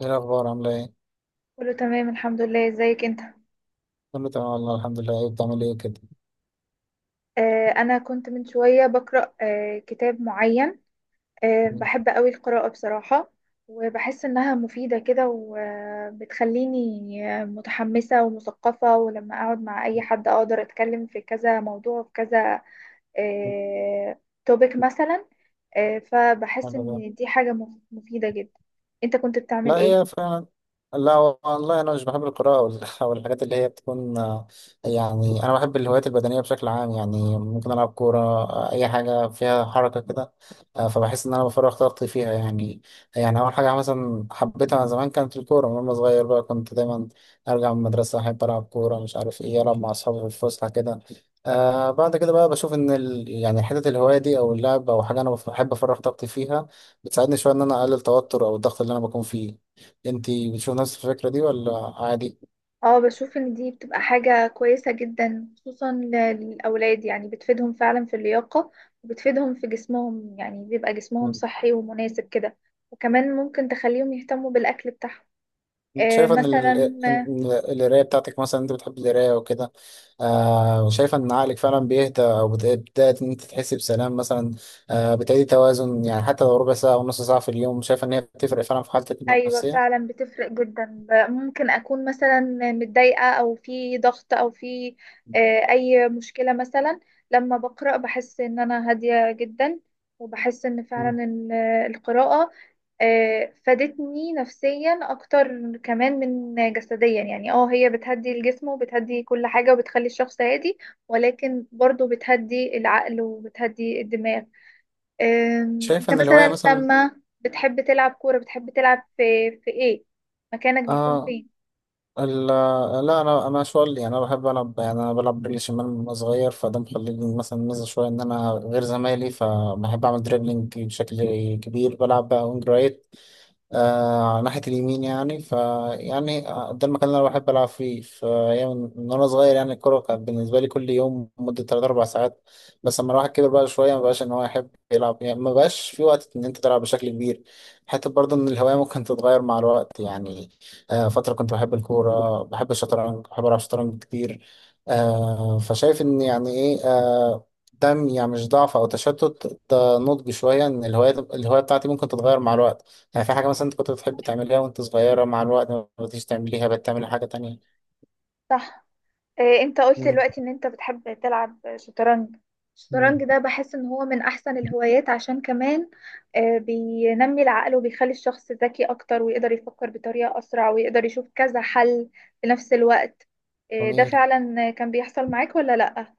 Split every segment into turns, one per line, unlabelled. ايه الاخبار؟ عامله ايه؟
كله تمام، الحمد لله. ازيك انت؟
كله تمام والله، الحمد لله. ايه بتعمل ايه كده؟
انا كنت من شوية بقرأ كتاب معين.
مم.
بحب قوي القراءة بصراحة. وبحس انها مفيدة كده وبتخليني متحمسة ومثقفة، ولما اقعد مع اي حد اقدر اتكلم في كذا موضوع، في كذا آه توبيك مثلا. فبحس
حلو ده.
ان دي حاجة مفيدة جدا. انت كنت بتعمل
لا،
ايه؟
هي فعلا. لا والله، انا مش بحب القراءه او الحاجات اللي هي بتكون، يعني انا بحب الهوايات البدنيه بشكل عام. يعني ممكن العب كوره، اي حاجه فيها حركه كده. فبحس ان انا بفرغ طاقتي فيها، يعني. يعني اول حاجه مثلا حبيتها زمان كانت الكوره، من وانا صغير بقى كنت دايما ارجع من المدرسه، احب العب كوره مش عارف ايه، العب مع اصحابي في الفسحه كده. بعد كده بقى بشوف ان ال... يعني حته الهوايه دي او اللعب او حاجه، انا بحب افرغ طاقتي فيها، بتساعدني شويه ان انا اقلل التوتر او الضغط اللي انا بكون فيه. انت بتشوف نفس الفكرة دي ولا عادي؟
اه، بشوف ان دي بتبقى حاجة كويسة جدا، خصوصا للأولاد، يعني بتفيدهم فعلا في اللياقة وبتفيدهم في جسمهم، يعني بيبقى جسمهم
مم.
صحي ومناسب كده. وكمان ممكن تخليهم يهتموا بالأكل بتاعهم
انت شايفة ان
مثلا.
ان القراية بتاعتك، مثلا انت بتحب القراية وكده، وشايفة ان عقلك فعلا بيهدى او بتبدأ ان انت تحس بسلام مثلا، بتعيدي توازن. يعني حتى لو ربع ساعة او نص ساعة في اليوم، شايفة ان هي بتفرق فعلا في حالتك
ايوه،
النفسية؟
فعلا بتفرق جدا. ممكن اكون مثلا متضايقه او في ضغط او في اي مشكله مثلا. لما بقرا بحس ان انا هاديه جدا، وبحس ان
مم.
فعلا القراءه فادتني نفسيا اكتر كمان من جسديا. يعني هي بتهدي الجسم وبتهدي كل حاجه وبتخلي الشخص هادي، ولكن برضو بتهدي العقل وبتهدي الدماغ. انت
شايفة ان الهواية
مثلا
مثلا.
لما بتحب تلعب كورة، بتحب تلعب في ايه؟ مكانك بيكون
اه
فين؟
ال- لا، انا شوال. يعني انا بحب العب، يعني انا بلعب رجلي شمال من وأنا صغير، فده مخليني مثلا ميزه شويه ان انا غير زمايلي، فبحب اعمل دريبلينج بشكل كبير، بلعب بقى وينج رايت، على ناحية اليمين. يعني ف يعني آه، ده المكان اللي أنا بحب ألعب فيه، فأيام من وأنا صغير، يعني الكورة كانت بالنسبة لي كل يوم مدة 3 أو 4 ساعات. بس لما الواحد كبر بقى شوية، مبقاش إن هو يحب يلعب، يعني مبقاش في وقت إن أنت تلعب بشكل كبير. حتى برضه إن الهواية ممكن تتغير مع الوقت، يعني فترة كنت بحب الكورة، بحب الشطرنج، بحب ألعب شطرنج كتير. آه فشايف إن يعني إيه آه ده يعني مش ضعف أو تشتت، ده نضج شوية، إن الهواية بتاعتي ممكن تتغير مع الوقت. يعني في حاجة مثلا أنت كنت بتحب تعمليها وأنت صغيرة، مع الوقت ما بقيتيش تعمليها، بقت تعملي حاجة تانية.
صح. إيه انت قلت
مم.
دلوقتي ان انت بتحب تلعب شطرنج؟
مم.
الشطرنج ده بحس ان هو من احسن الهوايات، عشان كمان بينمي العقل وبيخلي الشخص ذكي اكتر، ويقدر يفكر بطريقة اسرع، ويقدر يشوف كذا حل في نفس الوقت. ده
جميل.
فعلا كان بيحصل معاك ولا لا؟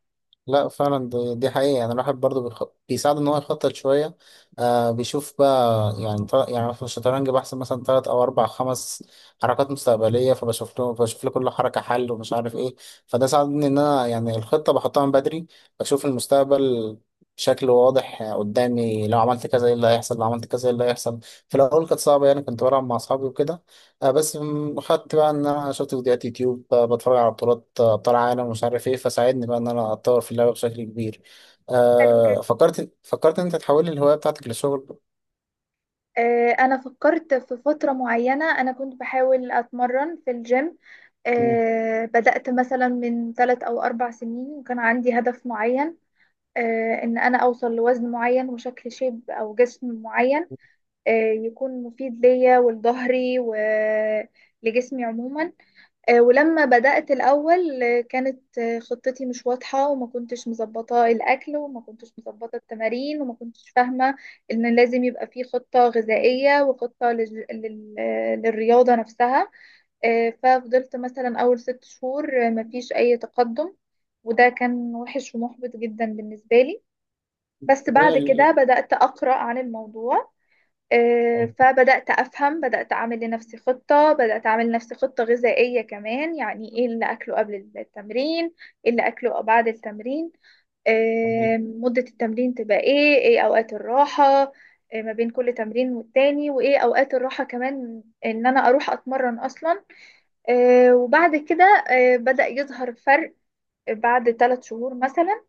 لا فعلا، دي حقيقة. يعني الواحد برضه بيساعد إن هو يخطط شوية. بيشوف بقى، يعني في الشطرنج بحسب مثلا 3 أو 4 أو 5 حركات مستقبلية، فبشوف له بشوف لكل حركة حل ومش عارف إيه. فده ساعدني إن أنا يعني الخطة بحطها من بدري، بشوف المستقبل بشكل واضح قدامي، لو عملت كذا إيه اللي هيحصل، لو عملت كذا إيه اللي هيحصل. في الأول كانت صعبة، يعني كنت بلعب مع أصحابي وكده. بس خدت بقى ان انا شفت فيديوهات يوتيوب، بتفرج على بطولات، ابطال عالم ومش عارف ايه، فساعدني بقى ان انا اتطور في اللعبه بشكل كبير.
حلو
آه
جدا.
فكرت فكرت ان انت تحول الهوايه بتاعتك لشغل.
انا فكرت في فترة معينة انا كنت بحاول اتمرن في الجيم.
مم.
بدأت مثلا من 3 أو 4 سنين، وكان عندي هدف معين، ان انا اوصل لوزن معين وشكل شيب او جسم معين، يكون مفيد ليا ولظهري ولجسمي عموما. ولما بدأت الأول، كانت خطتي مش واضحة، وما كنتش مظبطة الأكل وما كنتش مظبطة التمارين، وما كنتش فاهمة إن لازم يبقى في خطة غذائية وخطة لل... لل... آه، للرياضة نفسها. ففضلت مثلا أول 6 شهور مفيش أي تقدم، وده كان وحش ومحبط جدا بالنسبة لي. بس
طبيعي
بعد كده
ال-
بدأت أقرأ عن الموضوع،
ال-
فبدأت أفهم. بدأت أعمل لنفسي خطة غذائية كمان، يعني إيه اللي أكله قبل التمرين، إيه اللي أكله بعد التمرين.
يعني
مدة التمرين تبقى إيه، إيه أوقات الراحة ما بين كل تمرين والتاني، وإيه أوقات الراحة كمان إن أنا أروح أتمرن أصلا. وبعد كده بدأ يظهر فرق بعد 3 شهور مثلا.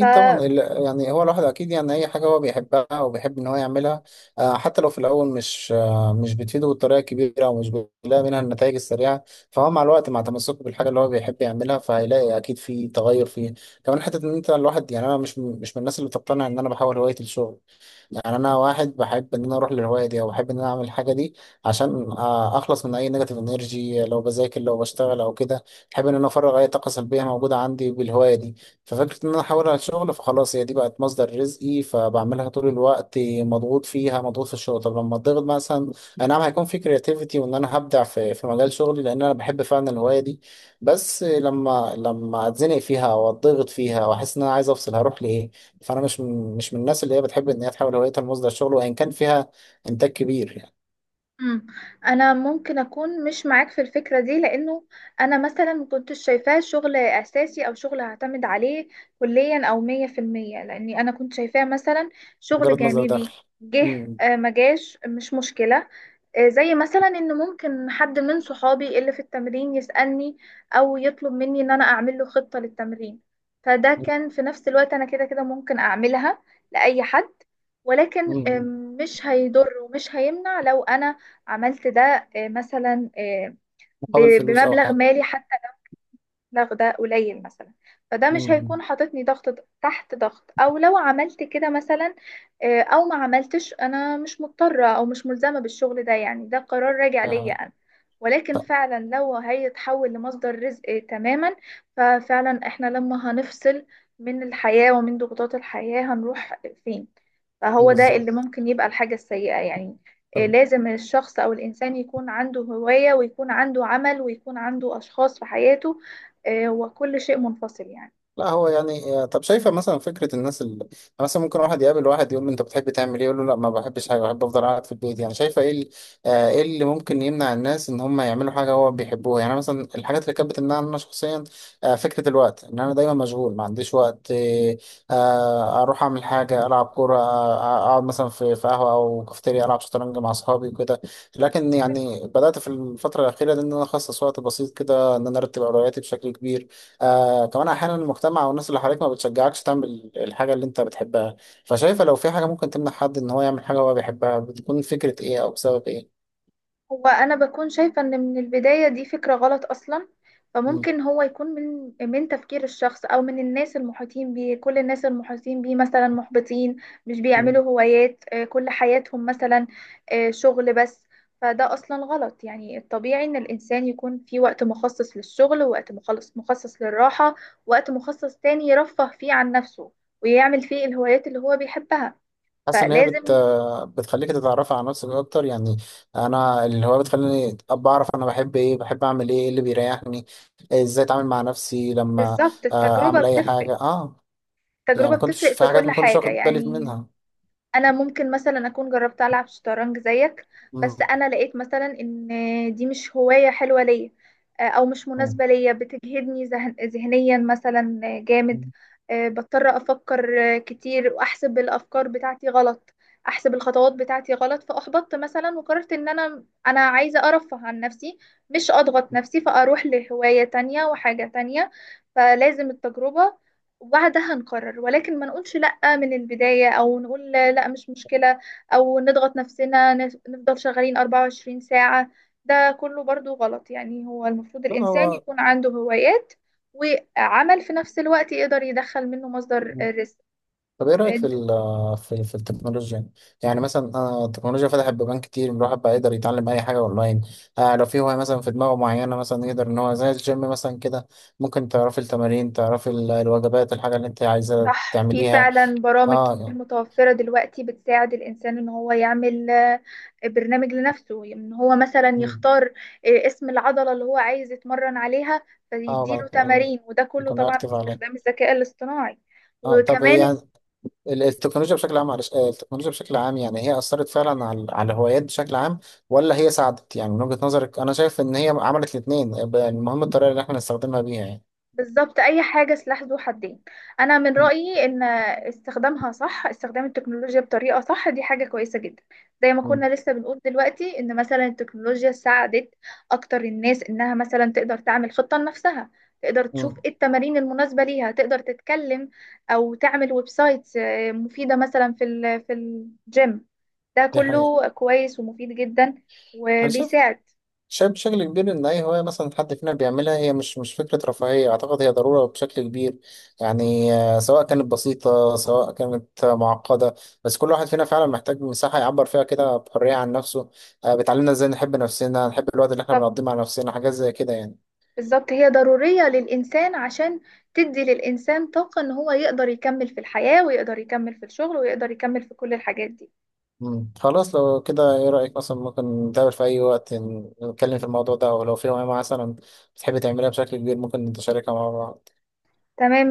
ف
طبعا ال- يعني هو الواحد اكيد، يعني اي حاجه هو بيحبها او بيحب ان هو يعملها، حتى لو في الاول مش بتفيده بالطريقه الكبيره او مش بيلاقي منها النتائج السريعه، فهو مع الوقت، مع تمسكه بالحاجه اللي هو بيحب يعملها، فهيلاقي اكيد في تغير فيه. كمان حته ان انت الواحد، يعني انا مش من الناس اللي بتقتنع ان انا بحول هوايتي للشغل. يعني انا واحد بحب ان انا اروح للهوايه دي او بحب ان انا اعمل الحاجه دي عشان، اخلص من اي نيجاتيف انرجي لو بذاكر، لو بشتغل او كده. بحب ان انا افرغ اي طاقه سلبيه موجوده عندي بالهوايه دي. ففكره ان انا احول على الشغل، فخلاص هي دي بقت مصدر رزقي، فبعملها طول الوقت مضغوط فيها، مضغوط في الشغل. طب لما اتضغط مثلا، اي نعم هيكون في كرياتيفيتي، وان انا هبدع في مجال شغلي لان انا بحب فعلا الهوايه دي، بس لما اتزنق فيها او اتضغط فيها واحس ان انا عايز افصل، هروح لايه؟ فانا مش من الناس اللي هي بتحب ان هي تحاول هوايتها لمصدر شغل، وان كان فيها انتاج كبير، يعني
مم. انا ممكن اكون مش معاك في الفكره دي، لانه انا مثلا ما كنتش شايفاه شغل اساسي او شغل هعتمد عليه كليا او 100%، لاني انا كنت شايفاه مثلا شغل
مجرد مصدر
جانبي.
دخل.
جه
مم.
ما جاش، مش مشكله. زي مثلا ان ممكن حد من صحابي اللي في التمرين يسالني او يطلب مني ان انا اعمل له خطه للتمرين، فده كان في نفس الوقت انا كده كده ممكن اعملها لاي حد. ولكن
مم.
مش هيضر ومش هيمنع لو انا عملت ده، مثلا،
مقابل فلوس او
بمبلغ
حاجه.
مالي حتى، ده قليل مثلا. فده مش
مم.
هيكون حاططني ضغط تحت ضغط، او لو عملت كده مثلا او ما عملتش، انا مش مضطرة او مش ملزمة بالشغل ده، يعني ده قرار راجع ليا
ف-
انا. ولكن
ف-
فعلا لو هيتحول لمصدر رزق تماما، ففعلا احنا لما هنفصل من الحياة ومن ضغوطات الحياة هنروح فين؟ فهو ده اللي
بالظبط.
ممكن يبقى الحاجة السيئة يعني. لازم الشخص او الانسان يكون عنده هواية، ويكون عنده عمل، ويكون عنده اشخاص في حياته، وكل شيء منفصل يعني.
لا هو، يعني، طب شايفه مثلا فكره الناس اللي مثلا ممكن واحد يقابل واحد يقول له انت بتحب تعمل ايه، يقول له لا ما بحبش حاجه، بحب افضل قاعد في البيت، يعني شايفه ايه ايه اللي ممكن يمنع الناس ان هم يعملوا حاجه هو بيحبوها؟ يعني مثلا الحاجات اللي كانت بتمنعني انا شخصيا، فكره الوقت، ان انا دايما مشغول ما عنديش وقت، اروح اعمل حاجه، العب كوره، اقعد مثلا في في قهوه او كافيتيريا، العب شطرنج مع اصحابي وكده. لكن يعني بدات في الفتره الاخيره دي ان انا اخصص وقت بسيط كده ان انا ارتب اولوياتي بشكل كبير. كمان احيانا المجتمع والناس اللي حواليك ما بتشجعكش تعمل الحاجه اللي انت بتحبها. فشايفه لو في حاجه ممكن تمنع حد ان هو يعمل حاجه هو بيحبها، بتكون فكره ايه او بسبب ايه؟
هو انا بكون شايفة ان من البداية دي فكرة غلط اصلا.
مم.
فممكن هو يكون من تفكير الشخص، او من الناس المحيطين بيه، كل الناس المحيطين بيه مثلا محبطين، مش
مم.
بيعملوا هوايات، كل حياتهم مثلا شغل بس. فده اصلا غلط. يعني الطبيعي ان الانسان يكون في وقت مخصص للشغل، ووقت مخصص للراحة، وقت مخصص تاني يرفه فيه عن نفسه ويعمل فيه الهوايات اللي هو بيحبها.
حاسس ان هي
فلازم.
بتخليك تتعرف على نفسك اكتر، يعني انا اللي هو بتخليني ابقى اعرف انا بحب ايه، بحب اعمل ايه، إيه اللي بيريحني، ازاي اتعامل مع نفسي لما
بالظبط،
اعمل اي حاجه، يعني
التجربة
ما كنتش
بتفرق
في
في
حاجات
كل
ما كنتش
حاجة
واخد بالي
يعني.
منها.
أنا ممكن مثلا أكون جربت ألعب شطرنج زيك، بس
مم.
أنا لقيت مثلا إن دي مش هواية حلوة ليا، أو مش
مم.
مناسبة ليا، بتجهدني ذهنيا مثلا جامد.
مم.
بضطر أفكر كتير، وأحسب الأفكار بتاعتي غلط، أحسب الخطوات بتاعتي غلط، فأحبطت مثلا وقررت إن أنا عايزة أرفه عن نفسي، مش أضغط نفسي. فأروح لهواية تانية وحاجة تانية، فلازم التجربة، وبعدها نقرر. ولكن ما نقولش لأ من البداية، أو نقول لأ مش مشكلة، أو نضغط نفسنا نفضل شغالين 24 ساعة. ده كله برضو غلط. يعني هو المفروض الإنسان
هو
يكون عنده هوايات وعمل في نفس الوقت يقدر يدخل منه مصدر الرزق.
طب ايه رايك في في التكنولوجيا، يعني؟ يعني مثلا، التكنولوجيا فتحت بيبان كتير، الواحد بقى يقدر يتعلم اي حاجه اونلاين. لو في هوايه مثلا في دماغه معينه، مثلا يقدر ان هو زي الجيم مثلا كده، ممكن تعرفي التمارين، تعرفي الوجبات، الحاجه اللي انت عايزه
صح، في
تعمليها.
فعلا برامج
اه
كتير
يعني-
متوفرة دلوقتي بتساعد الإنسان إن هو يعمل برنامج لنفسه، إن هو مثلا
مم.
يختار اسم العضلة اللي هو عايز يتمرن عليها،
اه
فيديله
بعد-
تمارين. وده كله
يكون
طبعا
اكتف عليه.
باستخدام الذكاء الاصطناعي.
اه طب
وكمان
يعني التكنولوجيا بشكل عام، على، التكنولوجيا بشكل عام يعني هي أثرت فعلا على الهوايات بشكل عام، ولا هي ساعدت؟ يعني من وجهة نظرك أنا شايف إن هي عملت الاتنين، المهم الطريقة اللي إحنا نستخدمها بيها، يعني.
بالظبط، اي حاجه سلاح ذو حدين. انا من رايي ان استخدامها صح، استخدام التكنولوجيا بطريقه صح، دي حاجه كويسه جدا. زي ما
مم.
كنا لسه بنقول دلوقتي ان مثلا التكنولوجيا ساعدت اكتر الناس انها مثلا تقدر تعمل خطه لنفسها، تقدر تشوف
مم.
ايه التمارين المناسبه ليها، تقدر تتكلم او تعمل ويب سايت مفيده مثلا في الجيم. ده
دي حقيقة.
كله كويس ومفيد جدا
أنا شايف،
وبيساعد.
شايف بشكل كبير إن أي هواية مثلا حد فينا بيعملها هي مش فكرة رفاهية، أعتقد هي ضرورة بشكل كبير. يعني، سواء كانت بسيطة، سواء كانت، معقدة، بس كل واحد فينا فعلا محتاج مساحة يعبر فيها كده بحرية عن نفسه، بتعلمنا إزاي نحب نفسنا، نحب الوقت اللي إحنا
بالظبط.
بنقضيه مع نفسنا، حاجات زي كده، يعني.
بالظبط، هي ضرورية للإنسان، عشان تدي للإنسان طاقة إن هو يقدر يكمل في الحياة، ويقدر يكمل في الشغل، ويقدر يكمل في كل الحاجات دي.
مم. خلاص، لو كده إيه رأيك مثلا ممكن نتقابل في أي وقت، نتكلم في الموضوع ده، أو لو في هواية مثلا بتحب تعملها بشكل كبير، ممكن نتشاركها مع بعض.
تمام.